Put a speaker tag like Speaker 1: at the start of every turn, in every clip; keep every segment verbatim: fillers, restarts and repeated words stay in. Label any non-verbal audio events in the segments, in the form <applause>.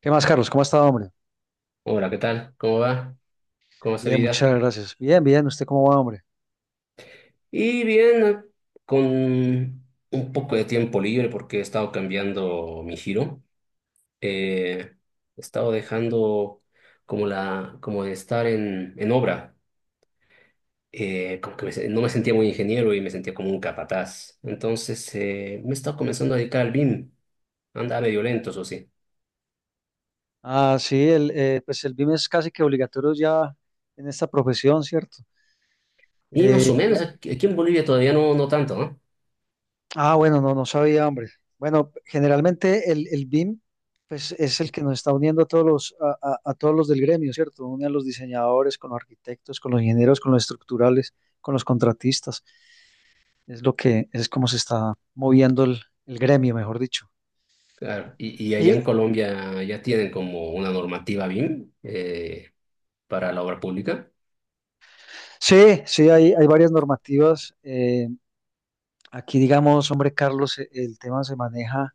Speaker 1: ¿Qué más, Carlos? ¿Cómo ha estado, hombre?
Speaker 2: Hola, ¿qué tal? ¿Cómo va? ¿Cómo va esa
Speaker 1: Bien,
Speaker 2: vida?
Speaker 1: muchas gracias. Bien, bien. ¿Usted cómo va, hombre?
Speaker 2: Y bien, eh, con un poco de tiempo libre porque he estado cambiando mi giro. Eh, He estado dejando como la, como de estar en, en obra. Eh, como que me se- no me sentía muy ingeniero y me sentía como un capataz. Entonces eh, me he estado comenzando a dedicar al BIM. Anda medio lento, eso sí.
Speaker 1: Ah, sí, el, eh, pues el B I M es casi que obligatorio ya en esta profesión, ¿cierto?
Speaker 2: Y más
Speaker 1: Eh,
Speaker 2: o menos,
Speaker 1: ya-
Speaker 2: aquí aquí en Bolivia todavía no, no tanto, ¿no?
Speaker 1: ah, bueno, no, no sabía, hombre. Bueno, generalmente el, el B I M, pues es el que nos está uniendo a todos los, a, a- a todos los del gremio, ¿cierto? Une a los diseñadores, con los arquitectos, con los ingenieros, con los estructurales, con los contratistas. Es lo que, es como se está moviendo el, el gremio, mejor dicho.
Speaker 2: Claro, y, y allá
Speaker 1: Y,
Speaker 2: en Colombia ya tienen como una normativa BIM eh, para la obra pública.
Speaker 1: Sí, sí, hay, hay varias normativas. Eh, aquí, digamos, hombre, Carlos, e- el tema se maneja.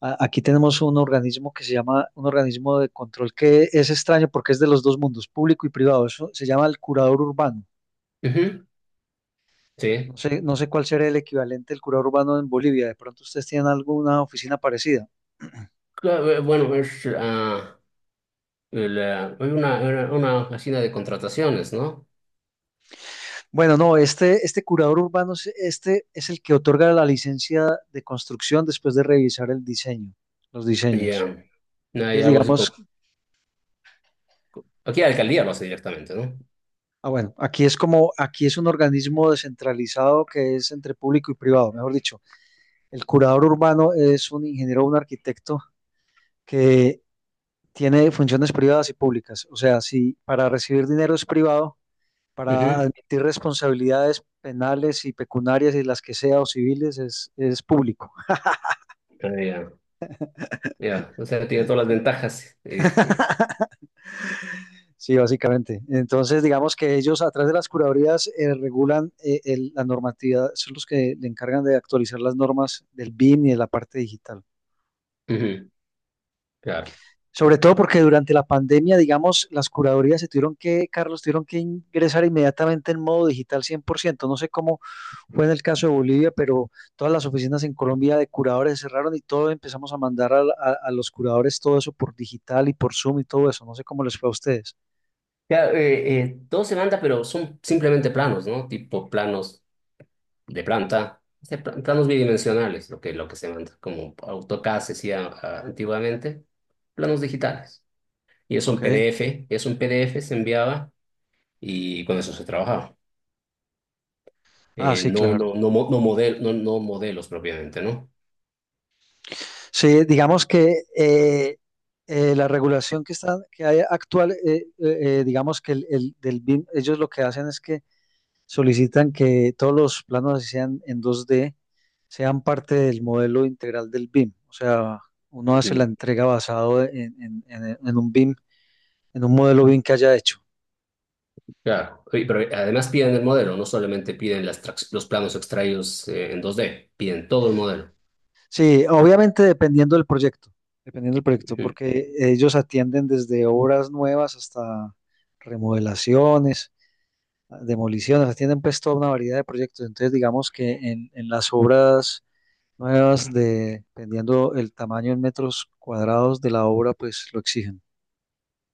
Speaker 1: a- Aquí tenemos un organismo que se llama un organismo de control que es extraño porque es de los dos mundos, público y privado. Eso se llama el curador urbano.
Speaker 2: Ujú,
Speaker 1: No
Speaker 2: sí.
Speaker 1: sé, no sé cuál será el equivalente del curador urbano en Bolivia. De pronto ustedes tienen alguna oficina parecida.
Speaker 2: Claro, eh, bueno, es, ah, la- hay una, una, una oficina de contrataciones, ¿no?
Speaker 1: Bueno, no, este, este curador urbano, es- este es el que otorga la licencia de construcción después de revisar el diseño, los
Speaker 2: Y
Speaker 1: diseños.
Speaker 2: ah, hay
Speaker 1: Entonces,
Speaker 2: algo así
Speaker 1: digamos
Speaker 2: como... Aquí la alcaldía lo hace directamente, ¿no?
Speaker 1: Ah, bueno, aquí es como, aquí es un organismo descentralizado que es entre público y privado, mejor dicho. El curador urbano es un ingeniero o un arquitecto que tiene funciones privadas y públicas. O sea, si para recibir dinero es privado, para
Speaker 2: Ujú.
Speaker 1: admitir responsabilidades penales y pecuniarias y las que sea o civiles es, es público.
Speaker 2: Ah, ya, ya. O sea, tiene todas las ventajas. <laughs>
Speaker 1: <laughs> Sí, básicamente. Entonces, digamos que ellos a través de las curadurías eh, regulan eh, el- la normatividad, son los que le encargan de actualizar las normas del B I M y de la parte digital.
Speaker 2: Eh, ujú, claro.
Speaker 1: Sobre todo porque durante la pandemia, digamos, las curadorías se tuvieron que, Carlos, tuvieron que ingresar inmediatamente en modo digital cien por ciento. No sé cómo fue en el caso de Bolivia, pero todas las oficinas en Colombia de curadores se cerraron y todo empezamos a mandar a, a- a los curadores todo eso por digital y por Zoom y todo eso. No sé cómo les fue a ustedes.
Speaker 2: Ya, eh, eh, todo se manda, pero son simplemente planos, ¿no? Tipo planos de planta, de pla- planos bidimensionales, lo que, lo que se manda, como AutoCAD se hacía ah, antiguamente, planos digitales. Y eso en
Speaker 1: Ok.
Speaker 2: PDF, eso en P D F se enviaba y con eso se trabajaba.
Speaker 1: Ah,
Speaker 2: Eh,
Speaker 1: sí,
Speaker 2: no,
Speaker 1: claro.
Speaker 2: no, no, mo- no, model, no, no modelos propiamente, ¿no?
Speaker 1: Sí, digamos que eh, eh, la regulación que está, que hay actual, eh, eh, eh, digamos que el, el- del B I M, ellos lo que hacen es que solicitan que todos los planos así sean en dos D sean parte del modelo integral del B I M. O sea, uno hace la
Speaker 2: Ujú.
Speaker 1: entrega basado en, en- en- en un B I M, en un modelo B I M que haya hecho.
Speaker 2: Claro, y- pero además piden el modelo, no solamente piden las trax- los planos extraídos eh, en dos D, piden todo el modelo.
Speaker 1: Sí, obviamente dependiendo del proyecto, dependiendo del proyecto,
Speaker 2: Ujú,
Speaker 1: porque ellos atienden desde obras nuevas hasta remodelaciones, demoliciones, atienden pues toda una variedad de proyectos. Entonces, digamos que en, en las obras nuevas de, dependiendo el tamaño en metros cuadrados de la obra, pues lo exigen.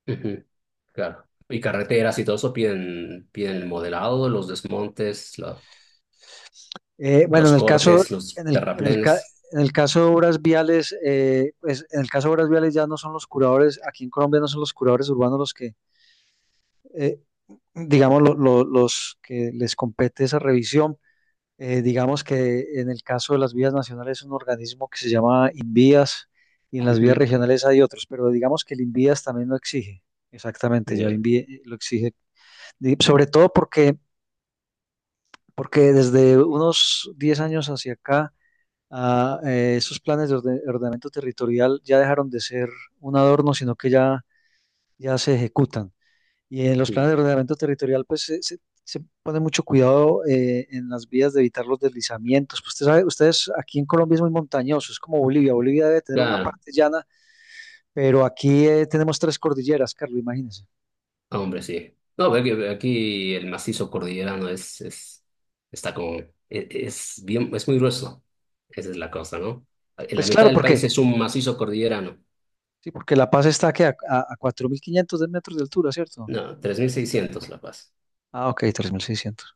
Speaker 2: ujú, claro. Y carreteras y todo eso piden, piden el modelado, los desmontes, la-
Speaker 1: Eh, bueno, en
Speaker 2: los
Speaker 1: el caso,
Speaker 2: cortes, los
Speaker 1: en el, en el, ca-
Speaker 2: terraplenes.
Speaker 1: En el caso de obras viales, eh, pues en el caso de obras viales ya no son los curadores, aquí en Colombia no son los curadores urbanos los que, eh, digamos, lo- lo- los que les compete esa revisión. Eh, digamos que en el caso de las vías nacionales es un organismo que se llama INVÍAS y en las vías
Speaker 2: Ujú.
Speaker 1: regionales hay otros, pero digamos que el INVÍAS también lo exige. Exactamente, ya
Speaker 2: Ya.
Speaker 1: INVÍAS eh, lo exige. Y sobre todo porque, porque desde unos diez años hacia acá, ah, eh, esos planes de orde- ordenamiento territorial ya dejaron de ser un adorno, sino que ya, ya se ejecutan. Y en los
Speaker 2: Ujú.
Speaker 1: planes de ordenamiento territorial, pues se, se- se pone mucho cuidado eh, en las vías de evitar los deslizamientos. Pues, usted sabe, ustedes aquí en Colombia es muy montañoso, es como Bolivia. Bolivia debe tener una
Speaker 2: Claro,
Speaker 1: parte llana, pero aquí eh, tenemos tres cordilleras, Carlos, imagínense.
Speaker 2: ah, hombre, sí. No, ve que aquí el macizo cordillerano es, es, está como, e- es, bien, es muy grueso. Esa es la cosa, ¿no? En la
Speaker 1: Pues
Speaker 2: mitad
Speaker 1: claro,
Speaker 2: del
Speaker 1: porque,
Speaker 2: país es un macizo cordillerano.
Speaker 1: sí, porque La Paz está aquí a, a, a cuatro mil quinientos de metros de altura, ¿cierto?
Speaker 2: No, tres mil seiscientos La Paz.
Speaker 1: Ah, ok, tres mil seiscientos.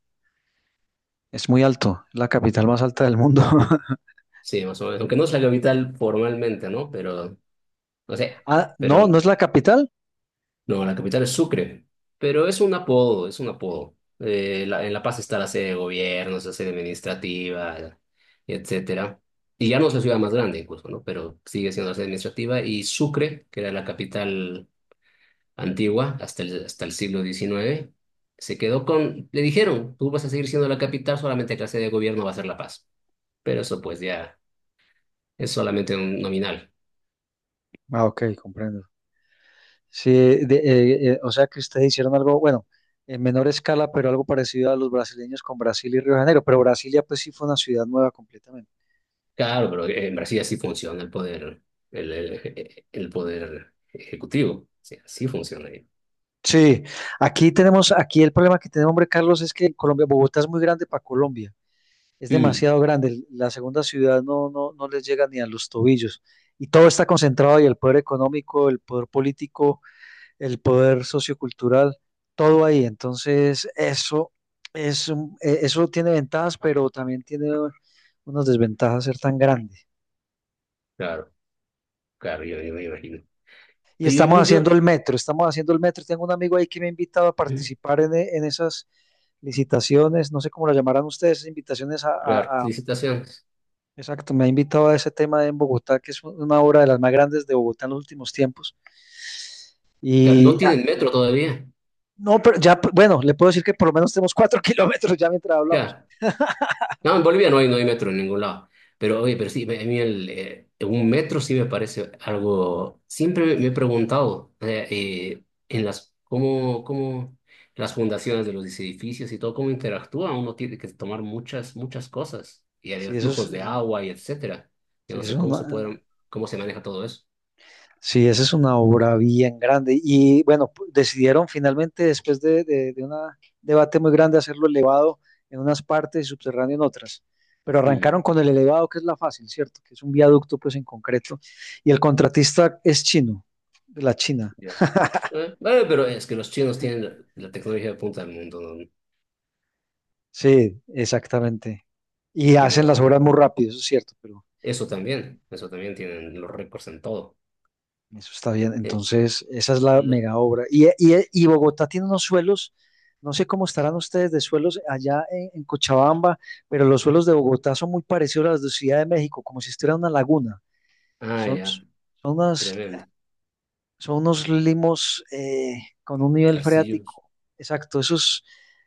Speaker 1: Es muy alto, es la capital más alta del mundo. <laughs>
Speaker 2: Sí, más o menos. Aunque no es la capital formalmente, ¿no? Pero, no sé,
Speaker 1: Ah,
Speaker 2: pero
Speaker 1: no, no es la capital.
Speaker 2: no, la capital es Sucre, pero es un apodo, es un apodo. Eh, la- en La Paz está la sede de gobierno, la sede administrativa, y etcétera. Y ya no es la ciudad más grande incluso, ¿no? Pero sigue siendo la sede administrativa. Y Sucre, que era la capital antigua hasta el, hasta el siglo diecinueve, se quedó con... Le dijeron, tú vas a seguir siendo la capital, solamente que la sede de gobierno va a ser La Paz. Pero eso pues ya es solamente un nominal.
Speaker 1: Ah, ok, comprendo. Sí, de- eh, eh, o sea que ustedes hicieron algo, bueno, en menor escala, pero algo parecido a los brasileños con Brasil y Río de Janeiro, pero Brasilia pues sí fue una ciudad nueva completamente.
Speaker 2: Claro, pero en Brasil así funciona el poder, el, el, el poder ejecutivo. Sí, sea, así funciona ahí.
Speaker 1: Sí, aquí tenemos, aquí el problema que tenemos, hombre, Carlos, es que Colombia, Bogotá es muy grande para Colombia, es
Speaker 2: Mm,
Speaker 1: demasiado grande, la segunda ciudad no, no, no les llega ni a los tobillos, y todo está concentrado y el poder económico, el poder político, el poder sociocultural, todo ahí. Entonces, eso, es un- eh, eso tiene ventajas, pero también tiene unas desventajas ser tan grande.
Speaker 2: claro, claro, yo, yo me imagino.
Speaker 1: Y
Speaker 2: Pero yo,
Speaker 1: estamos
Speaker 2: yo, yo,
Speaker 1: haciendo el metro, estamos haciendo el metro. Tengo un amigo ahí que me ha invitado a
Speaker 2: mm,
Speaker 1: participar en, e- en esas licitaciones, no sé cómo las llamarán ustedes, esas invitaciones a,
Speaker 2: claro,
Speaker 1: a- a-
Speaker 2: licitaciones.
Speaker 1: Exacto, me ha invitado a ese tema en Bogotá, que es una obra de las más grandes de Bogotá en los últimos tiempos.
Speaker 2: Claro, no
Speaker 1: Y ah,
Speaker 2: tienen metro todavía.
Speaker 1: no, pero ya, bueno, le puedo decir que por lo menos tenemos cuatro <laughs> kilómetros ya mientras hablamos.
Speaker 2: Claro, no, en Bolivia no hay, no hay metro en ningún lado. Pero oye, pero sí, me- a mí el, eh, un metro sí me parece algo. Siempre me he preguntado eh, eh, en las cómo, cómo las fundaciones de los edificios y todo, cómo interactúan. Uno tiene que tomar muchas, muchas cosas. Y hay
Speaker 1: Sí, eso es,
Speaker 2: flujos de
Speaker 1: eh,
Speaker 2: agua y etcétera. Yo
Speaker 1: Sí,
Speaker 2: no
Speaker 1: es
Speaker 2: sé cómo
Speaker 1: una,
Speaker 2: se pueden, cómo se maneja todo eso.
Speaker 1: sí, esa es una obra bien grande. Y bueno, pu- decidieron finalmente, después de, de, de un debate muy grande, hacerlo elevado en unas partes y subterráneo en otras. Pero
Speaker 2: Mm.
Speaker 1: arrancaron con el elevado, que es la fácil, ¿cierto? Que es un viaducto, pues en concreto. Y el contratista es chino, de la China.
Speaker 2: Ya. Eh, bueno, pero es que los chinos
Speaker 1: <laughs>
Speaker 2: tienen la tecnología de punta del mundo, ¿no?
Speaker 1: Sí, exactamente. Y
Speaker 2: ¿Qué le
Speaker 1: hacen las
Speaker 2: vamos? a
Speaker 1: obras
Speaker 2: hacer?
Speaker 1: muy rápido, eso es cierto, pero
Speaker 2: Eso también, eso también tienen los récords en todo.
Speaker 1: eso está bien.
Speaker 2: Eh,
Speaker 1: Entonces, esa es la
Speaker 2: lo-
Speaker 1: mega obra. Y, y- y Bogotá tiene unos suelos, no sé cómo estarán ustedes de suelos allá en, en Cochabamba, pero los suelos de Bogotá son muy parecidos a los de Ciudad de México, como si estuviera una laguna.
Speaker 2: Ah,
Speaker 1: Son,
Speaker 2: ya,
Speaker 1: son unas,
Speaker 2: tremendo.
Speaker 1: son unos limos eh, con un nivel
Speaker 2: Arcillos.
Speaker 1: freático. Exacto, eso es,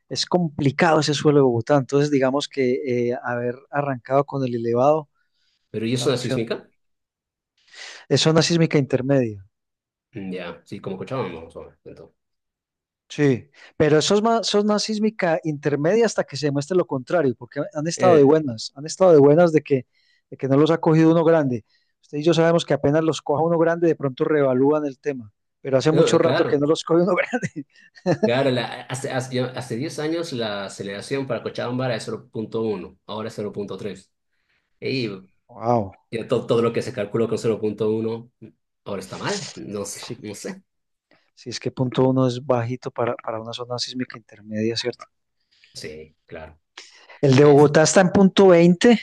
Speaker 1: es complicado ese suelo de Bogotá. Entonces, digamos que eh, haber arrancado con el elevado,
Speaker 2: ¿Pero y
Speaker 1: la
Speaker 2: eso es
Speaker 1: opción
Speaker 2: sísmica?
Speaker 1: es zona sísmica intermedia.
Speaker 2: Mm, ya, sí, como Cochabamba, más o menos, entonces.
Speaker 1: Sí, pero eso es más, eso es más sísmica intermedia hasta que se demuestre lo contrario, porque han estado de
Speaker 2: Eh,
Speaker 1: buenas, han estado de buenas de que, de que no los ha cogido uno grande. Usted y yo sabemos que apenas los coja uno grande, de pronto reevalúan el tema, pero hace
Speaker 2: no,
Speaker 1: mucho
Speaker 2: eh,
Speaker 1: rato que
Speaker 2: claro,
Speaker 1: no los coge uno <laughs> grande.
Speaker 2: claro, la- hace, hace, yo- hace diez años la aceleración para Cochabamba era de cero punto uno, ahora es cero punto tres. Y
Speaker 1: Wow,
Speaker 2: ya to- todo lo que se calculó con cero punto uno ahora está mal, no sé,
Speaker 1: sí,
Speaker 2: no sé.
Speaker 1: sí, es que punto uno es bajito para, para una zona sísmica intermedia, ¿cierto?
Speaker 2: Sí, claro.
Speaker 1: El de
Speaker 2: Es,
Speaker 1: Bogotá está en punto veinte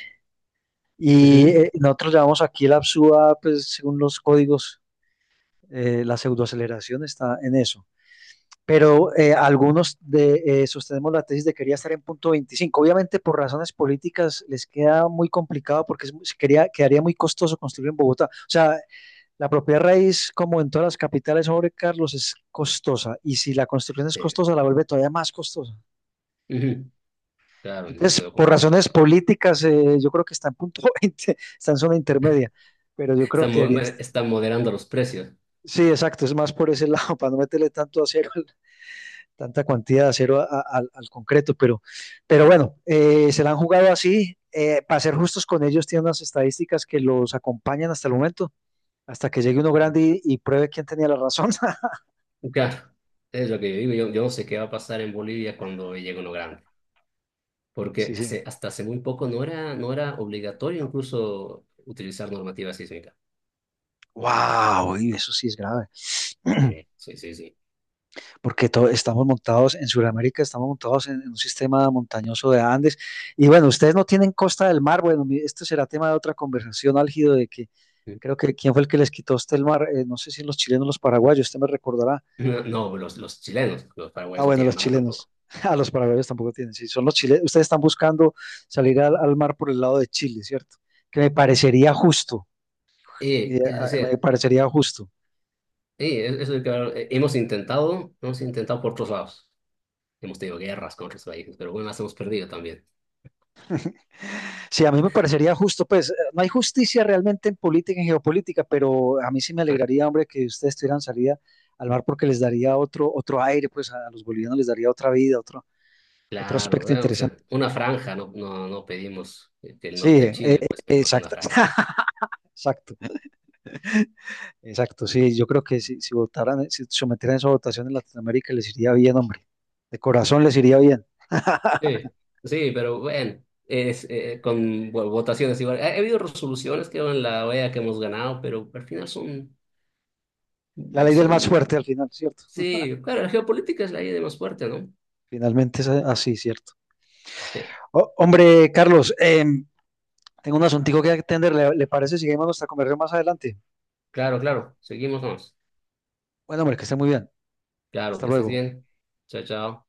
Speaker 1: y
Speaker 2: ujú,
Speaker 1: eh, nosotros llamamos aquí la P S U A, pues según los códigos, eh, la pseudoaceleración está en eso. Pero eh, algunos de, eh, sostenemos la tesis de quería estar en punto veinticinco. Obviamente por razones políticas les queda muy complicado porque es quería, quedaría muy costoso construir en Bogotá. O sea, la propiedad raíz, como en todas las capitales sobre Carlos, es costosa y si la construcción es
Speaker 2: sí,
Speaker 1: costosa, la vuelve todavía más costosa.
Speaker 2: ujú, claro, no
Speaker 1: Entonces,
Speaker 2: sé
Speaker 1: por
Speaker 2: cómo votar.
Speaker 1: razones políticas, eh, yo creo que está en punto <laughs> veinte, está en zona intermedia, pero yo creo
Speaker 2: Están,
Speaker 1: que
Speaker 2: mo-
Speaker 1: debería...
Speaker 2: están moderando los precios.
Speaker 1: Sí, exacto, es más por ese lado, <laughs> para no meterle tanto acero tanta cantidad de acero a- a- al- concreto, pero, pero bueno, eh, se la han jugado así. Eh, para ser justos con ellos, tienen unas estadísticas que los acompañan hasta el momento, hasta que llegue uno grande y, y pruebe quién tenía la razón. <laughs>
Speaker 2: Claro, es lo que yo digo. Yo, yo no sé qué va a pasar en Bolivia cuando llegue uno grande,
Speaker 1: Sí,
Speaker 2: porque
Speaker 1: sí.
Speaker 2: hace- hasta hace muy poco no era, no era obligatorio incluso utilizar normativa sísmica.
Speaker 1: Wow, y eso sí es grave, <clears throat> <coughs>
Speaker 2: Sí, sí, sí, sí.
Speaker 1: porque to- estamos montados en Sudamérica, estamos montados en, en un sistema montañoso de Andes. Y bueno, ustedes no tienen costa del mar. Bueno, esto será tema de otra conversación álgido de que
Speaker 2: Sí.
Speaker 1: creo que quién fue el que les quitó a usted el mar. Eh, no sé si los chilenos o los paraguayos, usted me recordará.
Speaker 2: No, no, los, los chilenos, los
Speaker 1: Ah,
Speaker 2: paraguayos no
Speaker 1: bueno, los
Speaker 2: tienen mar
Speaker 1: chilenos.
Speaker 2: tampoco.
Speaker 1: <laughs> Ah, los paraguayos tampoco tienen. Sí, son los chilenos. Ustedes están buscando salir al, al mar por el lado de Chile, ¿cierto? Que me parecería justo. y, eh,
Speaker 2: Y, es
Speaker 1: ah, me
Speaker 2: decir,
Speaker 1: parecería justo.
Speaker 2: y es- es lo que eh, hemos intentado, hemos intentado por otros lados. Hemos tenido guerras con otros países, pero bueno, las hemos perdido también.
Speaker 1: Sí, a mí me parecería justo, pues eh, no hay justicia realmente en política, en geopolítica, pero a mí sí me
Speaker 2: Ah,
Speaker 1: alegraría, hombre, que ustedes tuvieran salida al mar porque les daría otro, otro aire, pues a los bolivianos les daría otra vida, otro, otro
Speaker 2: claro,
Speaker 1: aspecto
Speaker 2: eh, o
Speaker 1: interesante.
Speaker 2: sea, una franja, no, no, no pedimos eh, que el
Speaker 1: Sí,
Speaker 2: norte de
Speaker 1: eh, eh,
Speaker 2: Chile, pues pedimos una
Speaker 1: exacto,
Speaker 2: franja.
Speaker 1: <laughs> exacto. Exacto, sí, yo creo que si, si votaran, eh, si sometieran esa votación en Latinoamérica les iría bien, hombre. De corazón les iría bien.
Speaker 2: Sí, sí, pero bueno, es, eh, con bueno, votaciones igual. Ha, ha habido resoluciones que en la O E A que hemos ganado, pero al final son,
Speaker 1: La ley del más fuerte al
Speaker 2: son,
Speaker 1: final, ¿cierto?
Speaker 2: sí, claro, la geopolítica es la idea más fuerte, ¿no?
Speaker 1: Finalmente es a- así, ¿cierto?
Speaker 2: Sí,
Speaker 1: Oh, hombre, Carlos, eh, tengo un asuntico que atender. ¿Le, le parece si seguimos nuestra conversación más adelante?
Speaker 2: claro, claro, seguimos más.
Speaker 1: Bueno, hombre, que esté muy bien.
Speaker 2: Claro,
Speaker 1: Hasta
Speaker 2: que estés
Speaker 1: luego.
Speaker 2: bien. Chao, chao.